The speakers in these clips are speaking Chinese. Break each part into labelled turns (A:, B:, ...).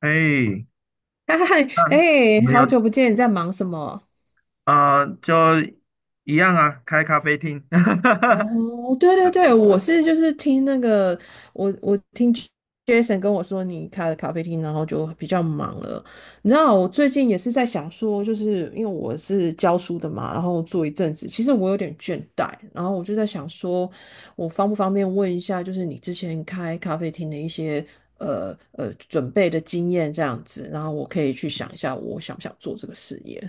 A: 哎，
B: 嗨，嗨
A: 啊，
B: 哎，
A: 没有，
B: 好久不见，你在忙什么？
A: 啊，就一样啊，开咖啡厅。哈哈哈
B: 哦，对对对，我是就是听那个，我听 Jason 跟我说你开了咖啡厅，然后就比较忙了。你知道我最近也是在想说，就是因为我是教书的嘛，然后做一阵子，其实我有点倦怠，然后我就在想说，我方不方便问一下，就是你之前开咖啡厅的一些准备的经验这样子，然后我可以去想一下，我想不想做这个事业。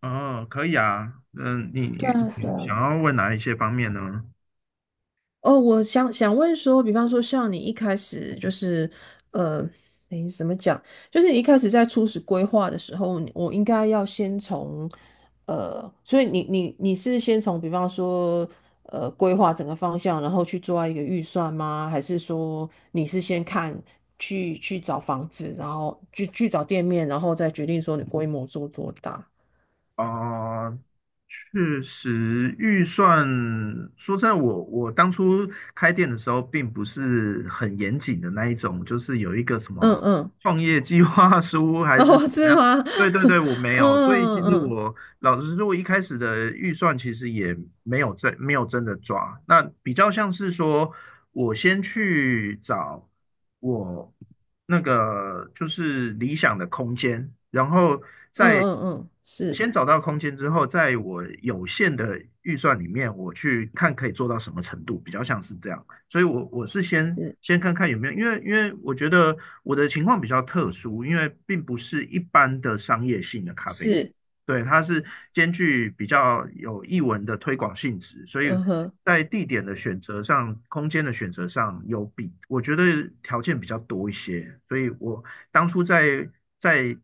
A: 哦，可以啊。嗯，你
B: 对
A: 你
B: 啊，
A: 想要问哪一些方面呢？
B: 哦，我想问说，比方说像你一开始就是，呃，你怎么讲？就是你一开始在初始规划的时候，你我应该要先从，所以你是先从比方说，规划整个方向，然后去做一个预算吗？还是说你是先看去找房子，然后去找店面，然后再决定说你规模做多大？
A: 哦，确实，预算，说真的，我当初开店的时候，并不是很严谨的那一种，就是有一个什
B: 嗯
A: 么
B: 嗯，
A: 创业计划书 还是
B: 哦，
A: 怎么
B: 是
A: 样。
B: 吗？
A: 对对对，我 没
B: 嗯
A: 有，所以其
B: 嗯
A: 实
B: 嗯
A: 我老实说，我一开始的预算其实也没有真的抓，那比较像是说，我先去找我那个就是理想的空间，然后
B: 嗯
A: 再
B: 嗯嗯，是。
A: 先找到空间之后，在我有限的预算里面，我去看可以做到什么程度，比较像是这样。所以我是先
B: 是
A: 先看看有没有，因为我觉得我的情况比较特殊，因为并不是一般的商业性的咖啡厅，
B: 是，
A: 对，它是兼具比较有艺文的推广性质，所以
B: 嗯哼，
A: 在地点的选择上、空间的选择上有比我觉得条件比较多一些，所以我当初在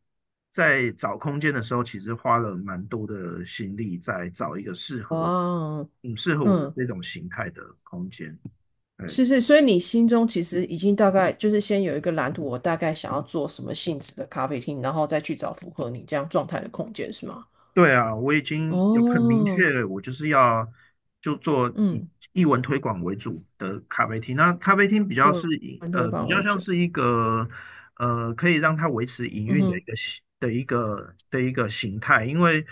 A: 在找空间的时候，其实花了蛮多的心力在找一个适合
B: 哇，
A: 适合我的
B: 嗯，
A: 这种形态的空间，
B: 是
A: 对。
B: 是，所以你心中其实已经大概就是先有一个蓝图，我大概想要做什么性质的咖啡厅，然后再去找符合你这样状态的空间，是吗？
A: 对啊，我已经有很明
B: 哦，
A: 确我就是要就做以
B: 嗯，
A: 艺文推广为主的咖啡厅。那咖啡厅比较
B: 因为
A: 是以
B: 团队
A: 比
B: 帮
A: 较
B: 我
A: 像
B: 做，
A: 是一个可以让它维持营
B: 嗯
A: 运的一
B: 哼。
A: 个形的一个的一个形态，因为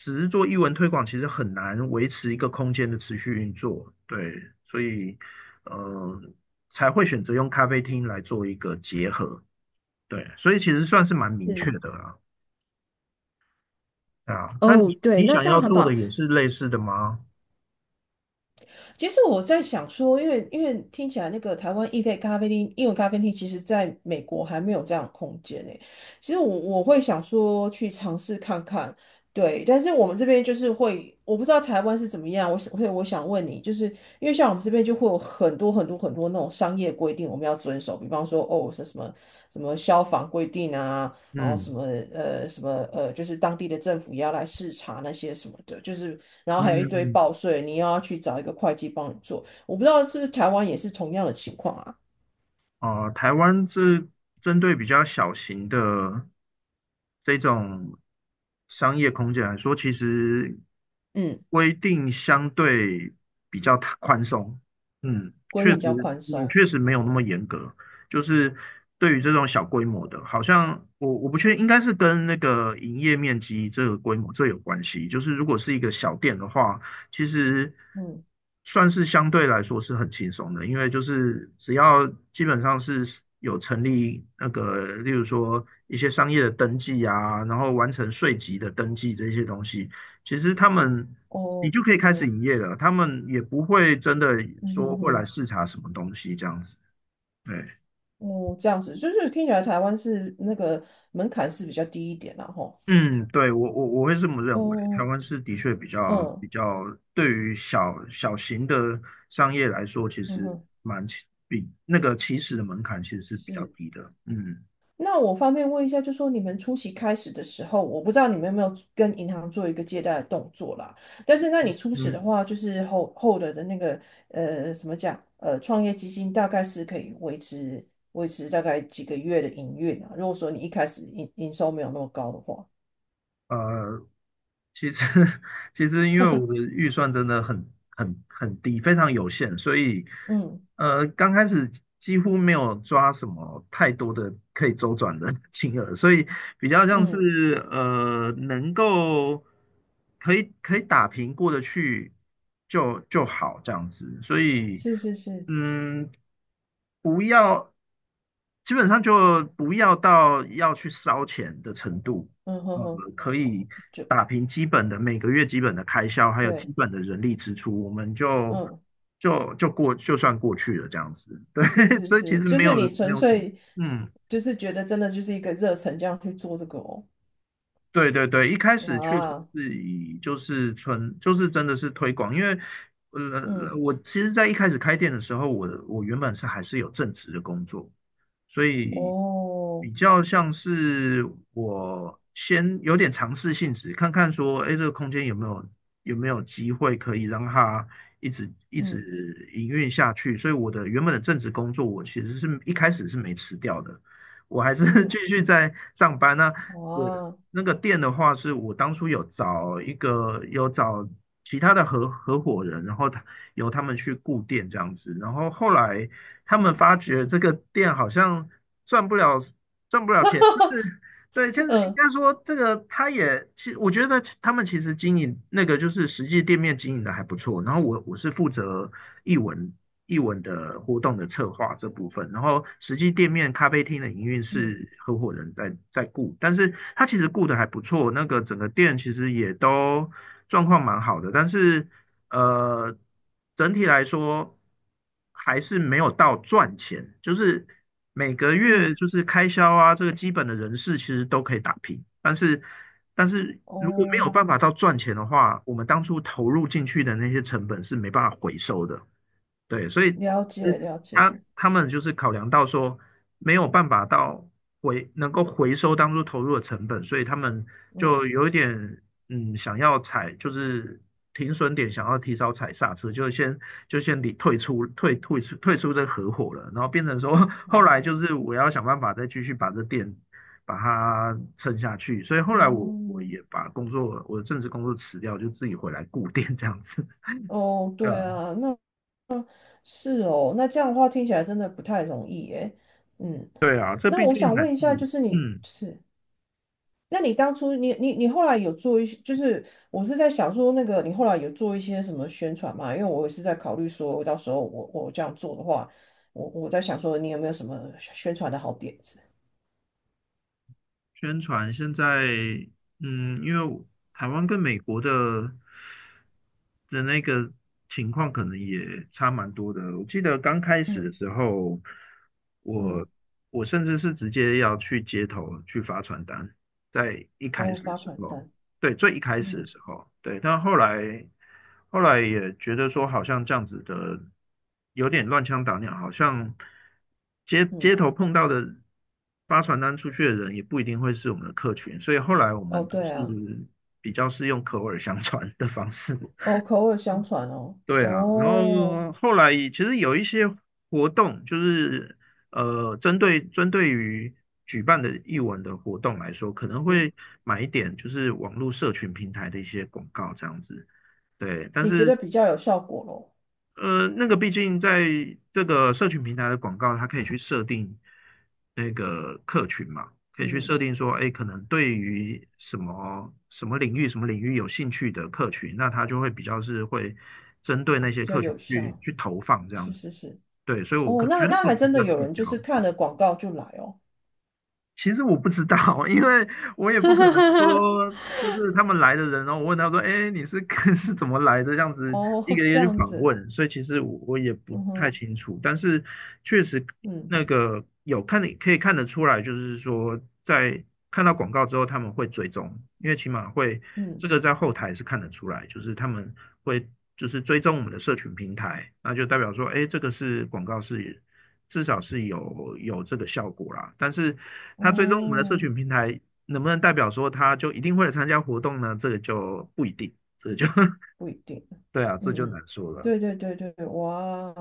A: 只是做艺文推广，其实很难维持一个空间的持续运作。对，所以呃才会选择用咖啡厅来做一个结合。对，所以其实算是蛮明确
B: 是，
A: 的啊。啊，那
B: 哦，
A: 你
B: 对，
A: 你
B: 那
A: 想
B: 这
A: 要
B: 样很
A: 做的
B: 棒。
A: 也是类似的吗？
B: 其实我在想说，因为听起来那个台湾意式咖啡厅、英文咖啡厅，其实在美国还没有这样的空间呢。其实我会想说去尝试看看，对。但是我们这边就是会，我不知道台湾是怎么样。我想，所以我想问你，就是因为像我们这边就会有很多那种商业规定，我们要遵守，比方说哦，是什么什么消防规定啊，然后什
A: 嗯
B: 么呃什么呃，就是当地的政府也要来视察那些什么的，就是然后还有一堆
A: 嗯，
B: 报税，你又要去找一个会计帮你做。我不知道是不是台湾也是同样的情况啊？
A: 哦，台湾是针对比较小型的这种商业空间来说，其实
B: 嗯，
A: 规定相对比较宽松。嗯，
B: 规
A: 确
B: 定比
A: 实，
B: 较宽
A: 嗯，
B: 松。
A: 确实没有那么严格。就是对于这种小规模的，好像我不确定，应该是跟那个营业面积这个规模这有关系。就是如果是一个小店的话。其实
B: 嗯，
A: 算是相对来说是很轻松的，因为就是只要基本上是有成立那个，例如说一些商业的登记啊，然后完成税籍的登记这些东西，其实他们你
B: 哦
A: 就可以开始
B: 哦，
A: 营业了，他们也不会真的
B: 嗯
A: 说
B: 哼
A: 会来
B: 哼，
A: 视察什么东西这样子。对。
B: 哦，这样子，就是听起来台湾是那个门槛是比较低一点然后
A: 嗯，对，我会这么认为，台
B: 哦，
A: 湾是的确比
B: 嗯
A: 较对于小型的商业来说，其
B: 嗯
A: 实
B: 哼，
A: 蛮起比那个起始的门槛其实是比较
B: 是。
A: 低的。嗯
B: 那我方便问一下，就说你们初期开始的时候，我不知道你们有没有跟银行做一个借贷的动作啦。但是，那你初始的
A: 嗯，
B: 话，就是后的那个怎么讲？呃，创业基金大概是可以维持大概几个月的营运啊。如果说你一开始营收没有那么高的话，
A: 呃，其实，其实因为我的预算真的很低，非常有限，所以
B: 嗯
A: 呃，刚开始几乎没有抓什么太多的可以周转的 金额，所以比较像
B: 嗯，
A: 是呃，能够可以打平过得去就好这样子，所以
B: 是是是，
A: 嗯，不要基本上就不要到要去烧钱的程度。
B: 嗯哼
A: 呃，
B: 哼，
A: 可以
B: 就
A: 打平基本的每个月基本的开销，还有基
B: 对，
A: 本的人力支出，我们就
B: 嗯，
A: 就就过就算过去了这样子。对，
B: 是 是
A: 所以其
B: 是，
A: 实
B: 就是你
A: 没
B: 纯
A: 有什么，
B: 粹
A: 嗯，
B: 就是觉得真的就是一个热忱这样去做这个哦，
A: 对对对，一开始确实
B: 哇，
A: 是以就是纯就是真的是推广，因为呃
B: 嗯。
A: 我其实，在一开始开店的时候，我原本是还是有正职的工作，所以
B: 哦，
A: 比较像是我先有点尝试性质，看看说，哎，这个空间有没有机会可以让它一
B: 嗯
A: 直营运下去，所以我的原本的正职工作，我其实是一开始是没辞掉的，我还是 继
B: 嗯，
A: 续在上班那。对
B: 哇，
A: 那个店的话，是我当初有找其他的合伙人，然后他由他们去顾店这样子，然后后来他们
B: 嗯
A: 发觉这个店好像赚不了赚不了钱，就是。对，其实应
B: 嗯
A: 该说这个，他也其我觉得他们其实经营那个就是实际店面经营的还不错。然后我是负责译文译文的活动的策划这部分，然后实际店面咖啡厅的营运
B: 嗯
A: 是合伙人在顾，但是他其实顾的还不错，那个整个店其实也都状况蛮好的，但是呃，整体来说还是没有到赚钱，就是每个月
B: 嗯，
A: 就是开销啊，这个基本的人事其实都可以打平，但是如果没有
B: 哦，
A: 办法到赚钱的话，我们当初投入进去的那些成本是没办法回收的。对，所以
B: 了
A: 嗯
B: 解了解，
A: 他们就是考量到说没有办法能够回收当初投入的成本，所以他们
B: 嗯
A: 就有一点嗯想要踩就是停损点，想要提早踩刹车，就先离退出退退出退出这合伙了，然后变成说 后来就
B: 哦
A: 是我要想办法再继续把这店把它撑下去，所以后来我
B: 嗯
A: 也把工作我的正职工作辞掉，就自己回来顾店这样子，
B: 哦，
A: 对
B: 对
A: 啊
B: 啊，那是哦，那这样的话听起来真的不太容易耶，嗯，
A: 对啊，这
B: 那
A: 毕
B: 我
A: 竟
B: 想
A: 还是
B: 问一下，就是你
A: 嗯，
B: 是。那你当初你后来有做一些，就是我是在想说那个你后来有做一些什么宣传嘛？因为我也是在考虑说，到时候我这样做的话，我在想说你有没有什么宣传的好点子？
A: 宣传现在嗯，因为台湾跟美国的那个情况可能也差蛮多的。我记得刚开始的
B: 嗯
A: 时候，
B: 嗯，
A: 我我甚至是直接要去街头去发传单，在一开
B: 哦，
A: 始的
B: 发
A: 时
B: 传
A: 候，
B: 单，
A: 对，最一开始的
B: 嗯
A: 时候，对，但后来也觉得说，好像这样子的有点乱枪打鸟，好像街
B: 嗯，
A: 头碰到的发传单出去的人也不一定会是我们的客群，所以后来我
B: 哦
A: 们
B: 对啊，
A: 是比较是用口耳相传的方式，
B: 哦口耳相传哦，
A: 对啊，然
B: 哦，
A: 后后来其实有一些活动，就是呃，针对于举办的艺文的活动来说，可能
B: 嗯，
A: 会买一点就是网络社群平台的一些广告这样子，对。但
B: 你觉
A: 是
B: 得比较有效果咯？
A: 呃，那个毕竟在这个社群平台的广告，它可以去设定那个客群嘛，可以去
B: 嗯，
A: 设定说，哎，可能对于什么什么领域、什么领域有兴趣的客群，那它就会比较是会针对那些
B: 比较
A: 客群
B: 有效，
A: 去投放这样
B: 是是
A: 子。
B: 是，
A: 对，所以
B: 哦，
A: 觉
B: 那
A: 得
B: 那
A: 可
B: 还
A: 能比
B: 真的
A: 较
B: 有
A: 聚
B: 人
A: 焦。
B: 就是看了广告就来哦。
A: 其实我不知道，因为我也不可能 说，就是他们来的人，然后我问他说：“哎，你是 是怎么来的？”这样子一
B: 哦，
A: 个一
B: 这
A: 个去
B: 样
A: 访
B: 子。
A: 问，所以其实我也不
B: 嗯
A: 太
B: 哼，
A: 清楚，但是确实
B: 嗯
A: 那个有看得可以看得出来，就是说在看到广告之后，他们会追踪，因为起码会
B: 嗯，
A: 这个在后台是看得出来，就是他们会就是追踪我们的社群平台，那就代表说，哎，这个是广告是。至少是有这个效果啦。但是它追踪我们的社
B: 哦，
A: 群平台，能不能代表说它就一定会来参加活动呢？这个就不一定，这个就
B: 不一定，
A: 对啊，
B: 嗯
A: 这就
B: 嗯，
A: 难说了。
B: 对对对对对，哇，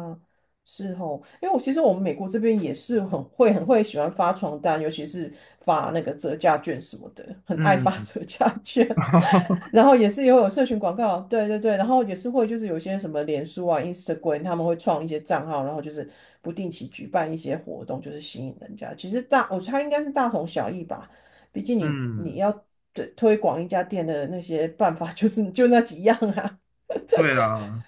B: 是哦，因为我其实我们美国这边也是很会喜欢发传单，尤其是发那个折价券什么的，很爱
A: 嗯，
B: 发 折价券，然 后也是也有社群广告，对对对，然后也是会就是有些什么脸书啊、Instagram，他们会创一些账号，然后就是不定期举办一些活动，就是吸引人家。其实大，我猜应该是大同小异吧。毕竟你
A: 嗯，
B: 要对推广一家店的那些办法 就是就那几样啊。
A: 对啊，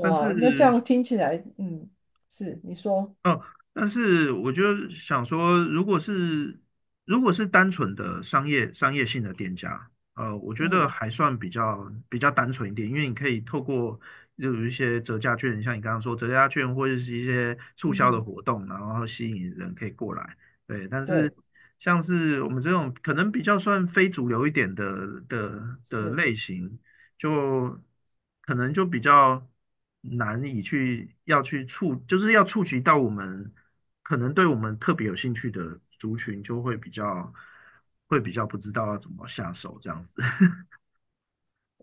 A: 但是
B: 那这样听起来，嗯，是你说，
A: 哦，但是我就想说，如果是单纯的商业性的店家，呃，我觉得
B: 嗯
A: 还算比较单纯一点，因为你可以透过就有一些折价券，像你刚刚说折价券或者是一些促
B: 嗯
A: 销的
B: 哼，
A: 活动，然后吸引人可以过来。对，但是
B: 对，
A: 像是我们这种可能比较算非主流一点的
B: 是
A: 类型，就可能就比较难以去要去触，就是要触及到我们可能对我们特别有兴趣的族群，就会会比较不知道要怎么下手这样子。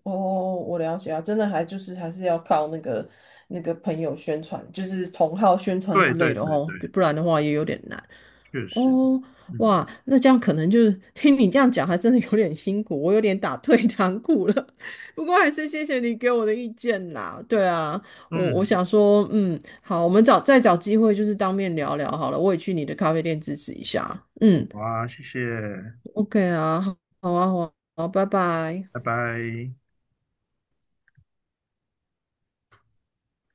B: 哦，我了解啊，真的还就是还是要靠那个那个朋友宣传，就是同号宣传
A: 对
B: 之类
A: 对
B: 的
A: 对
B: 哦，
A: 对，
B: 不然的话也有点难。
A: 确实，
B: 哦，
A: 嗯
B: 哇，那这样可能就是听你这样讲，还真的有点辛苦，我有点打退堂鼓了。不过还是谢谢你给我的意见啦。对啊，我
A: 嗯，
B: 想说，嗯，好，我们找再找机会就是当面聊聊好了。我也去你的咖啡店支持一下。嗯
A: 好啊，谢谢，
B: ，OK 啊，好啊，好啊，好啊，拜拜。
A: 拜拜。